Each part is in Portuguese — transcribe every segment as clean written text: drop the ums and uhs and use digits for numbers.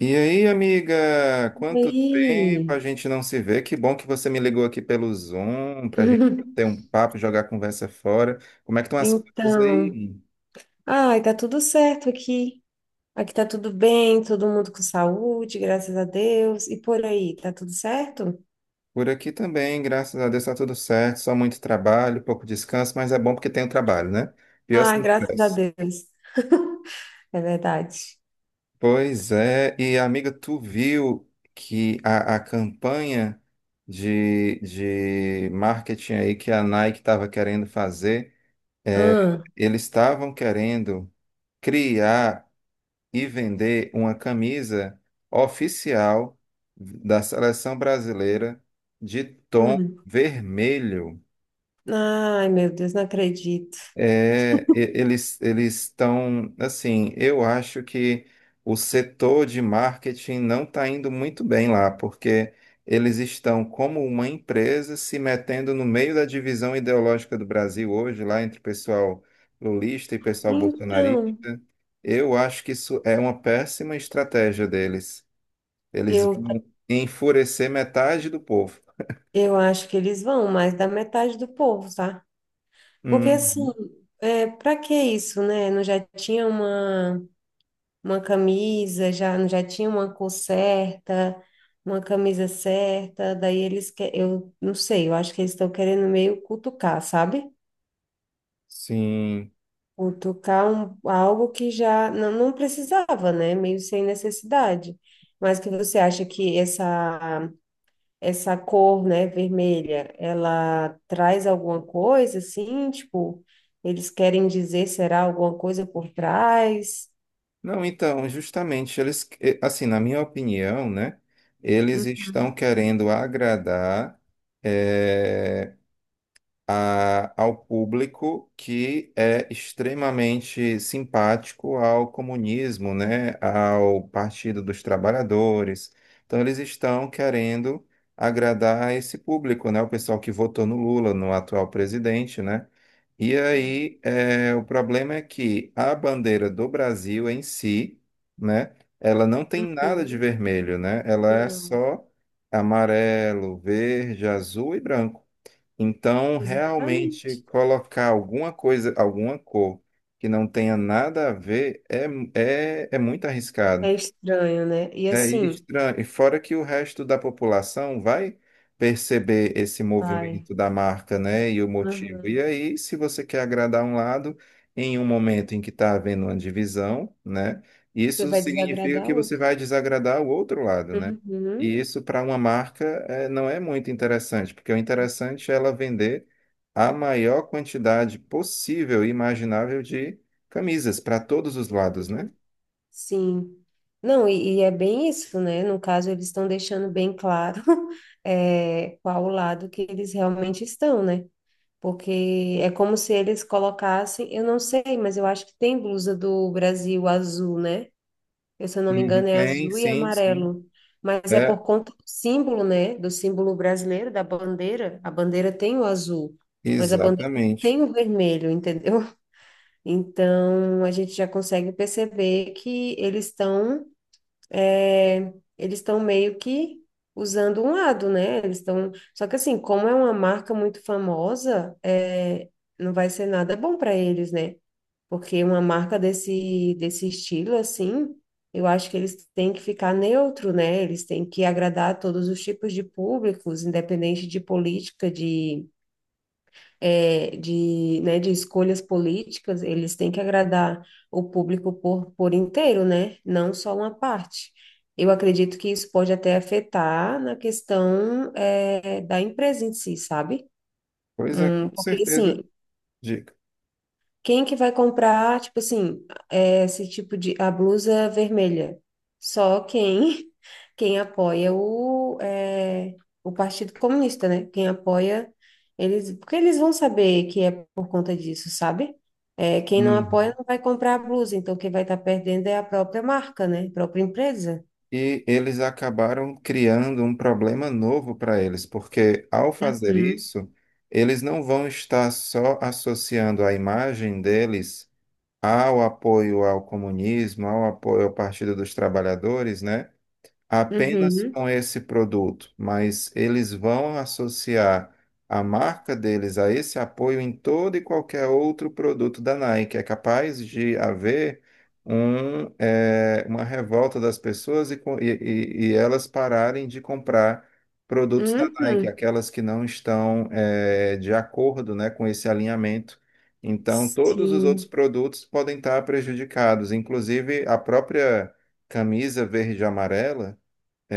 E aí, amiga, quanto tempo a Oi. gente não se vê? Que bom que você me ligou aqui pelo Zoom para a gente ter um papo, jogar a conversa fora. Como é que estão as coisas Então, aí? ai, tá tudo certo aqui. Aqui tá tudo bem, todo mundo com saúde, graças a Deus. E por aí, tá tudo certo? Por aqui também, graças a Deus está tudo certo, só muito trabalho, pouco descanso, mas é bom porque tem o trabalho, né? Pior se Ai, não graças a tivesse. Deus, é verdade. Pois é, e amiga, tu viu que a campanha de marketing aí que a Nike estava querendo fazer, é, Ah, eles estavam querendo criar e vender uma camisa oficial da seleção brasileira de tom hum. vermelho. Ai, meu Deus, não acredito. Eles estão assim, eu acho que o setor de marketing não está indo muito bem lá, porque eles estão como uma empresa se metendo no meio da divisão ideológica do Brasil hoje, lá entre o pessoal lulista e pessoal Então, bolsonarista. Eu acho que isso é uma péssima estratégia deles. Eles eu, vão enfurecer metade do povo. eu acho que eles vão, mais da metade do povo, tá? Porque assim, Uhum. é, para que isso, né? Não já tinha uma. Uma camisa, já tinha uma cor certa, uma camisa certa, daí eles que eu não sei, eu acho que eles estão querendo meio cutucar, sabe? Sim. Cutucar um, algo que já não, não precisava, né? Meio sem necessidade. Mas que você acha que essa cor, né, vermelha, ela traz alguma coisa assim, tipo, eles querem dizer será alguma coisa por trás? Não, então, justamente, eles, assim, na minha opinião, né, eles estão querendo agradar eh, ao público que é extremamente simpático ao comunismo, né, ao Partido dos Trabalhadores. Então, eles estão querendo agradar esse público, né, o pessoal que votou no Lula, no atual presidente, né? E Uhum. aí, é, o problema é que a bandeira do Brasil em si, né, ela não tem nada de Uhum. vermelho, né? Ela é Não. só amarelo, verde, azul e branco. Então, realmente, Exatamente. colocar alguma coisa, alguma cor que não tenha nada a ver é muito arriscado. É estranho, né? E É assim, estranho. E fora que o resto da população vai perceber esse vai. movimento da marca, né, e o motivo. E Aham. aí, se você quer agradar um lado em um momento em que está havendo uma divisão, né, Você isso vai significa desagradar que você outro. vai desagradar o outro lado, né? E Uhum. isso para uma marca não é muito interessante, porque o interessante é ela vender a maior quantidade possível e imaginável de camisas para todos os lados, né? Uhum. Sim. Não, e é bem isso, né? No caso, eles estão deixando bem claro, é, qual o lado que eles realmente estão, né? Porque é como se eles colocassem, eu não sei, mas eu acho que tem blusa do Brasil azul, né? Eu, se eu não me Uhum. engano, é Tem, azul e sim, sim. amarelo. Mas é É, por conta do símbolo, né? Do símbolo brasileiro, da bandeira. A bandeira tem o azul, mas a bandeira não exatamente. tem o vermelho, entendeu? Então, a gente já consegue perceber que eles estão é, eles estão meio que usando um lado, né? Eles estão. Só que assim, como é uma marca muito famosa, é, não vai ser nada bom para eles, né? Porque uma marca desse estilo, assim, eu acho que eles têm que ficar neutro, né? Eles têm que agradar a todos os tipos de públicos, independente de política, é, de, né, de escolhas políticas, eles têm que agradar o público por inteiro, né? Não só uma parte. Eu acredito que isso pode até afetar na questão, é, da empresa em si, sabe? Pois é, com Porque, certeza, assim, dica. quem que vai comprar, tipo assim, é, esse tipo de, a blusa vermelha? Só quem, quem apoia o, é, o Partido Comunista, né? Quem apoia, eles, porque eles vão saber que é por conta disso, sabe? É, quem não Uhum. apoia não vai comprar a blusa, então quem vai estar perdendo é a própria marca, né? A própria empresa. E eles acabaram criando um problema novo para eles, porque ao fazer Uhum, isso, eles não vão estar só associando a imagem deles ao apoio ao comunismo, ao apoio ao Partido dos Trabalhadores, né, apenas uhum, com esse produto, mas eles vão associar a marca deles a esse apoio em todo e qualquer outro produto da Nike. É capaz de haver uma revolta das pessoas e elas pararem de comprar produtos da Nike, uhum. aquelas que não estão, de acordo, né, com esse alinhamento. Então, todos os outros Sim, produtos podem estar prejudicados, inclusive a própria camisa verde e amarela,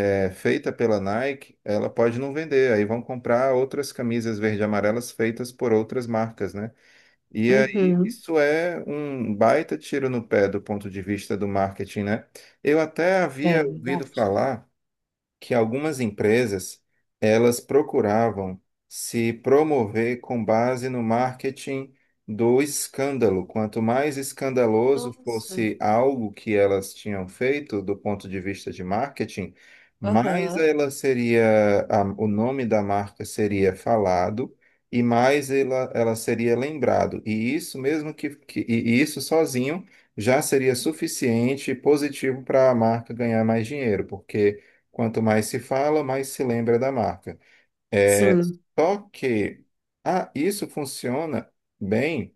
é feita pela Nike, ela pode não vender. Aí vão comprar outras camisas verde e amarelas feitas por outras marcas, né? E aí uhum. isso é um baita tiro no pé do ponto de vista do marketing, né? Eu até É havia ouvido verdade. falar que algumas empresas elas procuravam se promover com base no marketing do escândalo. Quanto mais escandaloso Nossa. fosse algo que elas tinham feito do ponto de vista de marketing, mais Aham, ela seria, o nome da marca seria falado e mais ela seria lembrado. E isso mesmo que isso sozinho já seria suficiente e positivo para a marca ganhar mais dinheiro, porque quanto mais se fala, mais se lembra da marca. sim. Só que isso funciona bem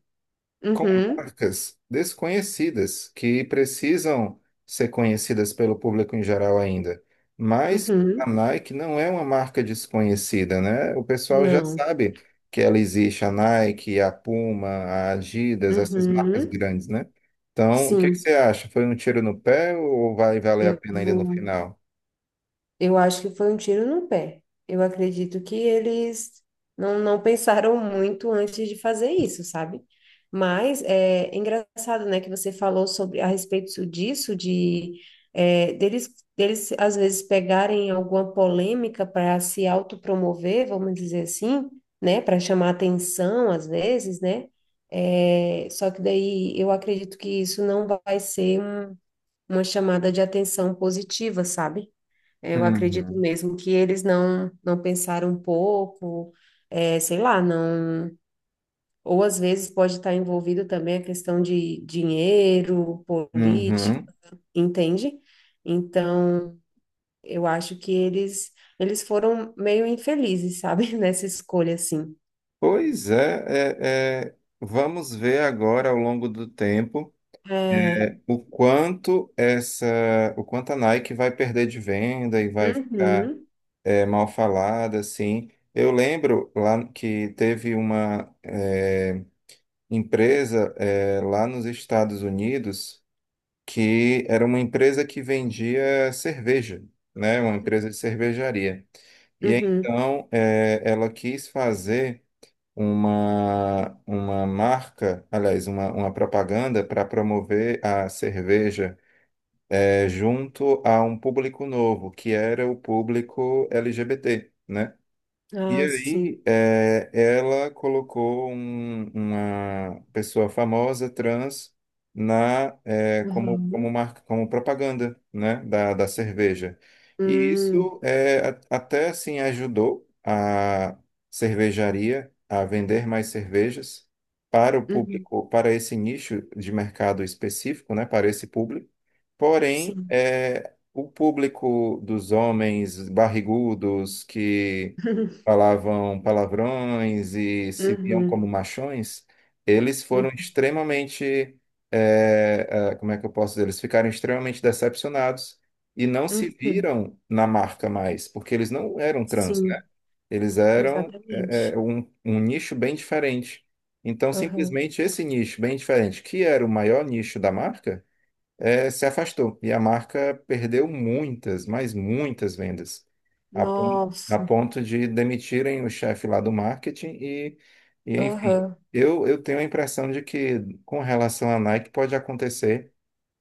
com Uhum. marcas desconhecidas, que precisam ser conhecidas pelo público em geral ainda. Mas a Uhum. Nike não é uma marca desconhecida, né? O pessoal já Não. sabe que ela existe, a Nike, a Puma, a Adidas, essas marcas Uhum. grandes, né? Então, o que que Sim. você acha? Foi um tiro no pé ou vai valer a Eu pena ainda no vou. final? Eu acho que foi um tiro no pé. Eu acredito que eles não pensaram muito antes de fazer isso, sabe? Mas é engraçado, né, que você falou sobre a respeito disso, de é, deles às vezes pegarem alguma polêmica para se autopromover, vamos dizer assim, né, para chamar atenção às vezes, né? É, só que daí eu acredito que isso não vai ser uma chamada de atenção positiva, sabe? Eu acredito Uhum. mesmo que eles não pensaram um pouco, é, sei lá, não. Ou às vezes pode estar envolvido também a questão de dinheiro, política, Uhum. entende? Então, eu acho que eles foram meio infelizes, sabe, nessa escolha assim. Pois é, vamos ver agora ao longo do tempo É. o quanto essa, o quanto a Nike vai perder de venda e vai ficar Uhum. Mal falada, assim. Eu lembro lá que teve uma empresa lá nos Estados Unidos que era uma empresa que vendia cerveja, né? Uma empresa de cervejaria. E Uhum. então ela quis fazer uma marca, aliás, uma propaganda para promover a cerveja junto a um público novo, que era o público LGBT, né? E Ah, sim. aí, ela colocou uma pessoa famosa trans na como como Uhum. marca, como propaganda, né, da cerveja. E Hum, isso até assim ajudou a cervejaria a vender mais cervejas para o uhum. público, para esse nicho de mercado específico, né, para esse público. Porém, Sim. O público dos homens barrigudos que falavam palavrões e se viam como Uhum. machões, eles foram Uhum. extremamente, eh, como é que eu posso dizer? Eles ficaram extremamente decepcionados e não se Uhum. viram na marca mais, porque eles não eram trans, né? Sim. Eles eram, Exatamente. Um nicho bem diferente. Então, Aham. simplesmente esse nicho bem diferente, que era o maior nicho da marca, se afastou e a marca perdeu muitas, mas muitas vendas, a Nossa. ponto de demitirem o chefe lá do marketing e enfim. Aham. Eu tenho a impressão de que com relação à Nike pode acontecer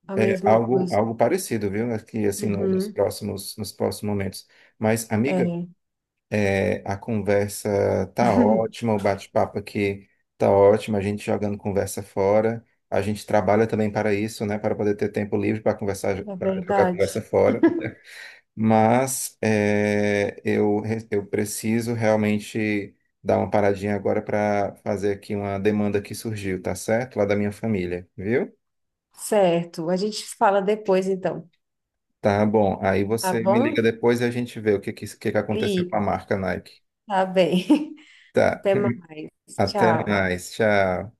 A mesma coisa. algo parecido, viu? Aqui, assim, Uhum. Nos próximos momentos. Mas, amiga, É. A conversa tá ótima, o bate-papo aqui tá ótimo, a gente jogando conversa fora. A gente trabalha também para isso, né? Para poder ter tempo livre para conversar, É para jogar conversa verdade. fora. Mas eu preciso realmente dar uma paradinha agora para fazer aqui uma demanda que surgiu, tá certo? Lá da minha família, viu? Certo. A gente fala depois, então. Tá bom. Aí Tá você me liga bom? depois e a gente vê o que aconteceu com a Ligo. marca Nike. Tá bem. Tá. Até mais. Até Tchau. mais. Tchau.